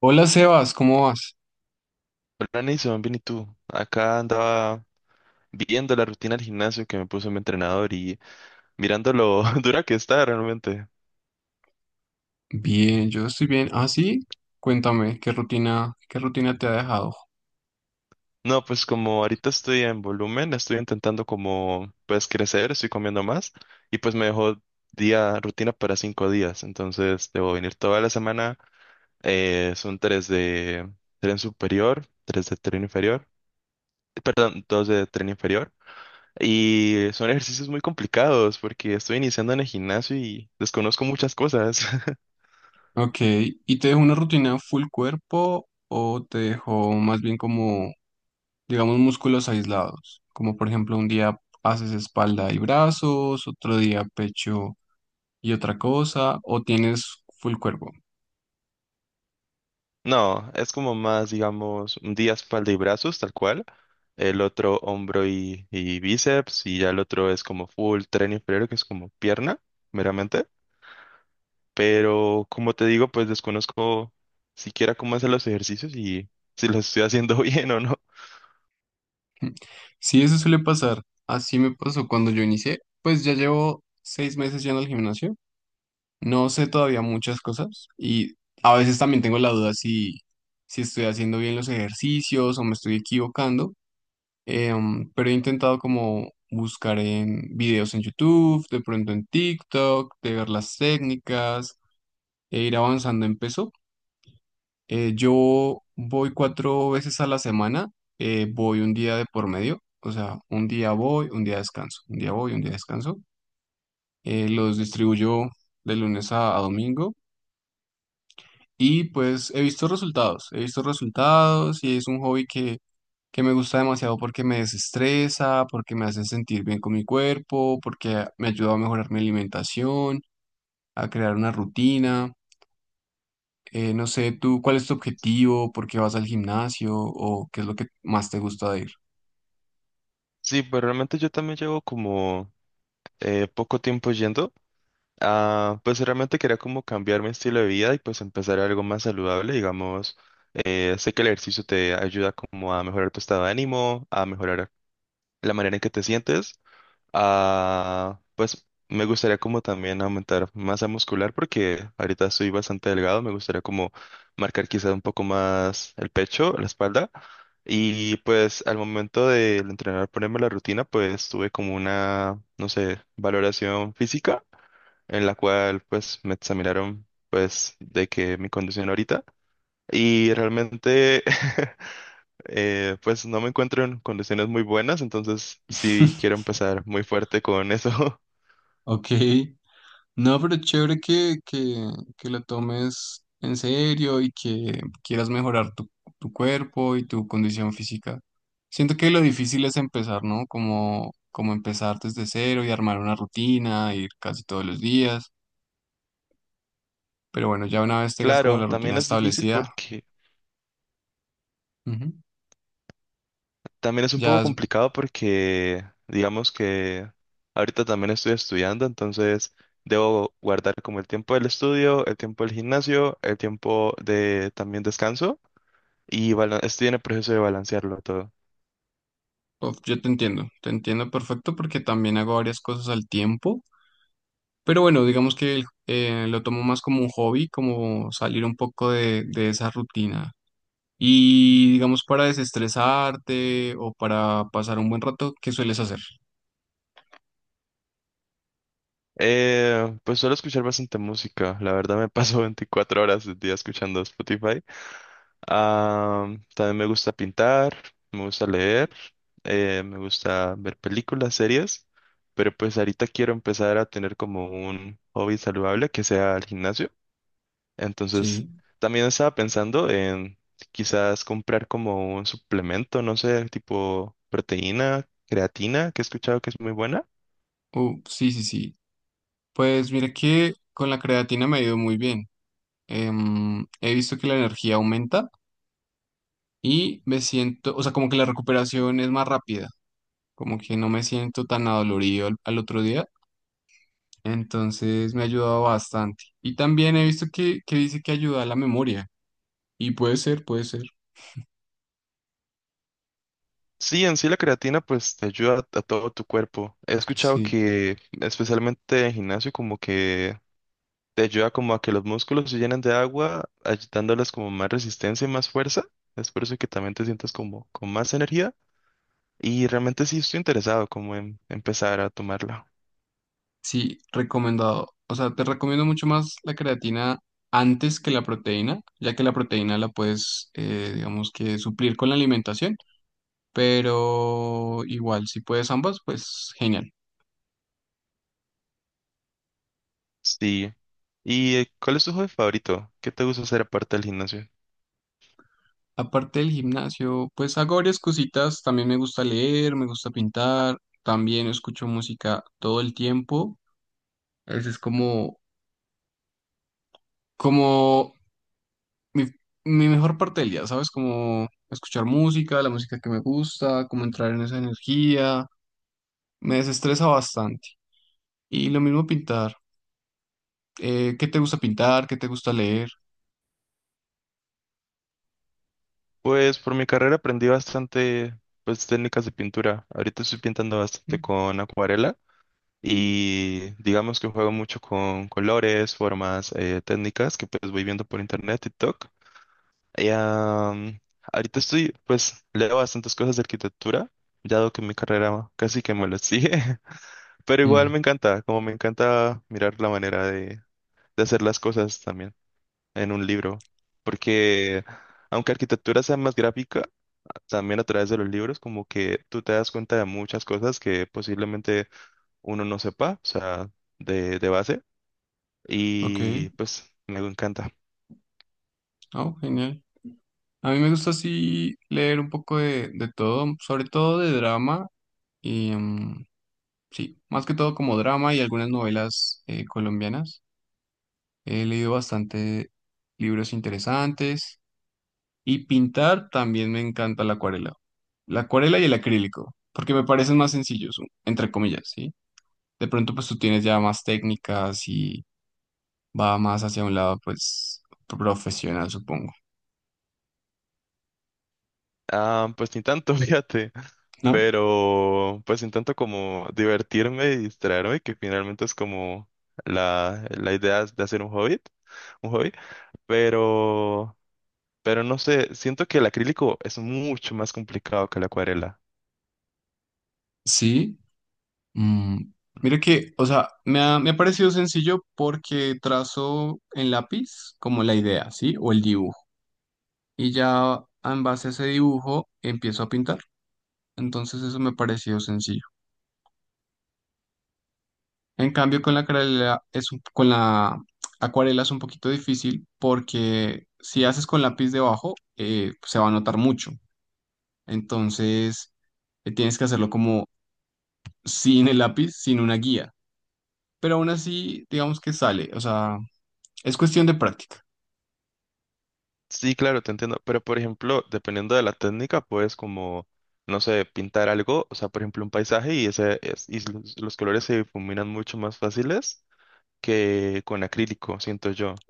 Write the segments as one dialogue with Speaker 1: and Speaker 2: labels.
Speaker 1: Hola Sebas, ¿cómo vas?
Speaker 2: Hola Nason, bien y tú. Acá andaba viendo la rutina del gimnasio que me puso mi entrenador y mirando lo dura que está realmente.
Speaker 1: Bien, yo estoy bien. Ah, sí, cuéntame, ¿qué rutina te ha dejado?
Speaker 2: No, pues como ahorita estoy en volumen, estoy intentando como pues crecer, estoy comiendo más y pues me dejó día rutina para 5 días. Entonces debo venir toda la semana. Son tres de tren superior, tres de tren inferior, perdón, dos de tren inferior. Y son ejercicios muy complicados porque estoy iniciando en el gimnasio y desconozco muchas cosas.
Speaker 1: Ok, ¿y te dejó una rutina full cuerpo o te dejó más bien como, digamos, músculos aislados? Como por ejemplo, un día haces espalda y brazos, otro día pecho y otra cosa, o tienes full cuerpo.
Speaker 2: No, es como más, digamos, un día espalda y brazos, tal cual. El otro hombro y bíceps y ya el otro es como full tren inferior, que es como pierna, meramente. Pero como te digo, pues desconozco siquiera cómo hacer los ejercicios y si los estoy haciendo bien o no.
Speaker 1: Sí, eso suele pasar. Así me pasó cuando yo inicié, pues ya llevo 6 meses yendo al gimnasio. No sé todavía muchas cosas y a veces también tengo la duda si estoy haciendo bien los ejercicios o me estoy equivocando. Pero he intentado como buscar en videos en YouTube, de pronto en TikTok, de ver las técnicas e ir avanzando en peso. Yo voy 4 veces a la semana. Voy un día de por medio, o sea, un día voy, un día descanso, un día voy, un día descanso. Los distribuyo de lunes a domingo. Y pues he visto resultados y es un hobby que me gusta demasiado porque me desestresa, porque me hace sentir bien con mi cuerpo, porque me ayuda a mejorar mi alimentación, a crear una rutina. No sé, tú, ¿cuál es tu objetivo? ¿Por qué vas al gimnasio? ¿O qué es lo que más te gusta de ir?
Speaker 2: Sí, pero realmente yo también llevo como poco tiempo yendo. Ah, pues realmente quería como cambiar mi estilo de vida y pues empezar algo más saludable, digamos. Sé que el ejercicio te ayuda como a mejorar tu estado de ánimo, a mejorar la manera en que te sientes. Ah, pues me gustaría como también aumentar masa muscular porque ahorita estoy bastante delgado, me gustaría como marcar quizás un poco más el pecho, la espalda. Y pues al momento de entrenar, ponerme la rutina, pues tuve como una, no sé, valoración física en la cual pues me examinaron pues de que mi condición ahorita y realmente pues no me encuentro en condiciones muy buenas, entonces sí quiero empezar muy fuerte con eso.
Speaker 1: Ok. No, pero chévere que lo tomes en serio y que quieras mejorar tu cuerpo y tu condición física. Siento que lo difícil es empezar, ¿no? Como empezar desde cero y armar una rutina, ir casi todos los días. Pero bueno, ya una vez tengas como
Speaker 2: Claro,
Speaker 1: la rutina
Speaker 2: también es difícil
Speaker 1: establecida,
Speaker 2: porque
Speaker 1: ujú,
Speaker 2: también es un
Speaker 1: ya,
Speaker 2: poco complicado porque digamos que ahorita también estoy estudiando, entonces debo guardar como el tiempo del estudio, el tiempo del gimnasio, el tiempo de también descanso y estoy en el proceso de balancearlo todo.
Speaker 1: uf, yo te entiendo perfecto porque también hago varias cosas al tiempo. Pero bueno, digamos que lo tomo más como un hobby, como salir un poco de esa rutina. Y digamos para desestresarte o para pasar un buen rato, ¿qué sueles hacer?
Speaker 2: Pues suelo escuchar bastante música. La verdad me paso 24 horas del día escuchando Spotify. Ah, también me gusta pintar, me gusta leer, me gusta ver películas, series. Pero pues ahorita quiero empezar a tener como un hobby saludable que sea el gimnasio. Entonces
Speaker 1: Sí.
Speaker 2: también estaba pensando en quizás comprar como un suplemento, no sé, tipo proteína, creatina, que he escuchado que es muy buena.
Speaker 1: Sí, sí, sí. Pues mira que con la creatina me ha ido muy bien. He visto que la energía aumenta y me siento, o sea, como que la recuperación es más rápida, como que no me siento tan adolorido al otro día. Entonces me ha ayudado bastante. Y también he visto que dice que ayuda a la memoria. Y puede ser, puede ser.
Speaker 2: Sí, en sí la creatina pues te ayuda a todo tu cuerpo. He escuchado
Speaker 1: Sí.
Speaker 2: que especialmente en gimnasio como que te ayuda como a que los músculos se llenen de agua, dándoles como más resistencia y más fuerza. Es por eso que también te sientes como con más energía. Y realmente sí estoy interesado como en empezar a tomarla.
Speaker 1: Sí, recomendado. O sea, te recomiendo mucho más la creatina antes que la proteína, ya que la proteína la puedes, digamos que suplir con la alimentación, pero igual, si puedes ambas, pues genial.
Speaker 2: Sí. ¿Y cuál es tu hobby favorito? ¿Qué te gusta hacer aparte del gimnasio?
Speaker 1: Aparte del gimnasio, pues hago varias cositas. También me gusta leer, me gusta pintar, también escucho música todo el tiempo. Ese es como, como mi, mi mejor parte del día, ¿sabes? Como escuchar música, la música que me gusta, como entrar en esa energía. Me desestresa bastante. Y lo mismo pintar. ¿Qué te gusta pintar? ¿Qué te gusta leer?
Speaker 2: Pues por mi carrera aprendí bastante pues técnicas de pintura. Ahorita estoy pintando
Speaker 1: ¿Mm?
Speaker 2: bastante con acuarela. Y digamos que juego mucho con colores, formas, técnicas que pues voy viendo por internet, TikTok. Y, ahorita estoy, pues leo bastantes cosas de arquitectura, dado que mi carrera casi que me lo sigue. Pero igual me encanta, como me encanta mirar la manera de hacer las cosas también en un libro. Porque aunque arquitectura sea más gráfica, también a través de los libros, como que tú te das cuenta de muchas cosas que posiblemente uno no sepa, o sea, de base.
Speaker 1: Ok,
Speaker 2: Y pues me encanta.
Speaker 1: oh, genial. A mí me gusta así leer un poco de todo, sobre todo de drama y mm, sí, más que todo como drama y algunas novelas colombianas. He leído bastante libros interesantes y pintar también me encanta la acuarela. La acuarela y el acrílico, porque me parecen más sencillos, entre comillas, sí. De pronto, pues tú tienes ya más técnicas y va más hacia un lado, pues, profesional, supongo,
Speaker 2: Ah, pues ni tanto, fíjate,
Speaker 1: ¿no?
Speaker 2: pero pues ni tanto como divertirme y distraerme, que finalmente es como la idea de hacer un hobby, pero, pero no sé, siento que el acrílico es mucho más complicado que la acuarela.
Speaker 1: Sí. Mm, mira que me ha parecido sencillo porque trazo en lápiz como la idea, ¿sí? O el dibujo. Y ya en base a ese dibujo empiezo a pintar. Entonces eso me ha parecido sencillo. En cambio, con la acuarela es un poquito difícil porque si haces con lápiz debajo, se va a notar mucho. Entonces, tienes que hacerlo como sin el lápiz, sin una guía. Pero aún así, digamos que sale. O sea, es cuestión de práctica.
Speaker 2: Sí, claro, te entiendo. Pero, por ejemplo, dependiendo de la técnica, puedes como, no sé, pintar algo, o sea, por ejemplo, un paisaje y, y los colores se difuminan mucho más fáciles que con acrílico, siento yo.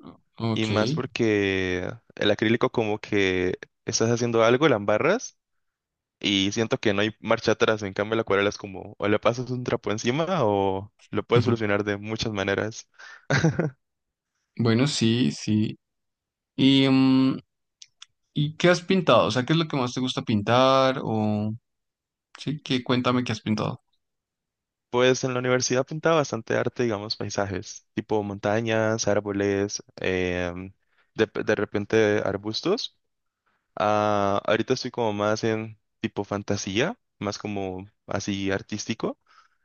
Speaker 2: Y
Speaker 1: Ok.
Speaker 2: más porque el acrílico como que estás haciendo algo, la embarras y siento que no hay marcha atrás. En cambio, la acuarela es como, o le pasas un trapo encima o lo puedes solucionar de muchas maneras.
Speaker 1: Bueno, sí, sí. ¿Y, mm, ¿y qué has pintado? O sea, ¿qué es lo que más te gusta pintar? O sí, que cuéntame qué has pintado.
Speaker 2: Pues en la universidad pintaba bastante arte, digamos, paisajes, tipo montañas, árboles, de repente arbustos. Ah, ahorita estoy como más en tipo fantasía, más como así artístico.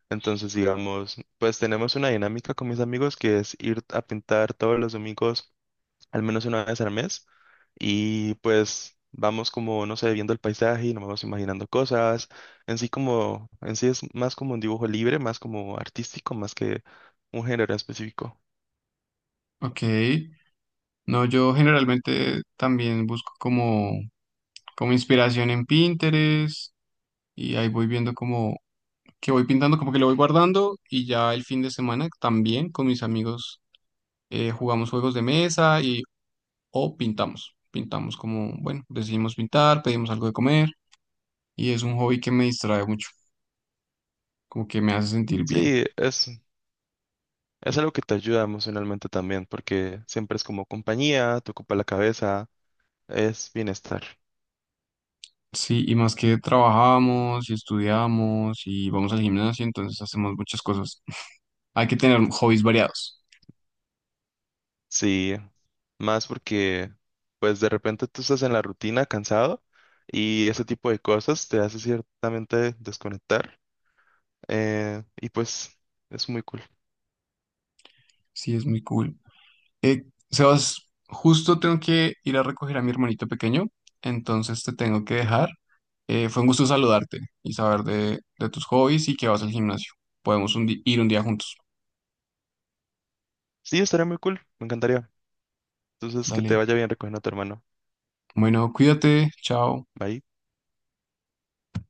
Speaker 2: Entonces, digamos, pues tenemos una dinámica con mis amigos que es ir a pintar todos los domingos al menos una vez al mes. Y pues vamos como, no sé, viendo el paisaje y nos vamos imaginando cosas. En sí como, en sí es más como un dibujo libre, más como artístico, más que un género específico.
Speaker 1: Ok. No, yo generalmente también busco como, como inspiración en Pinterest y ahí voy viendo como que voy pintando, como que lo voy guardando y ya el fin de semana también con mis amigos jugamos juegos de mesa y o pintamos. Pintamos como, bueno, decidimos pintar, pedimos algo de comer y es un hobby que me distrae mucho, como que me hace sentir bien.
Speaker 2: Sí, es algo que te ayuda emocionalmente también, porque siempre es como compañía, te ocupa la cabeza, es bienestar.
Speaker 1: Sí, y más que trabajamos y estudiamos y vamos al gimnasio, entonces hacemos muchas cosas. Hay que tener hobbies variados.
Speaker 2: Sí, más porque pues de repente tú estás en la rutina cansado y ese tipo de cosas te hace ciertamente desconectar. Y pues es muy cool.
Speaker 1: Sí, es muy cool. Eh, Sebas, justo tengo que ir a recoger a mi hermanito pequeño, entonces te tengo que dejar. Fue un gusto saludarte y saber de tus hobbies y que vas al gimnasio. Podemos ir un día juntos.
Speaker 2: Sí, estaría muy cool, me encantaría. Entonces, que te
Speaker 1: Dale.
Speaker 2: vaya bien recogiendo a tu hermano.
Speaker 1: Bueno, cuídate. Chao.
Speaker 2: Bye.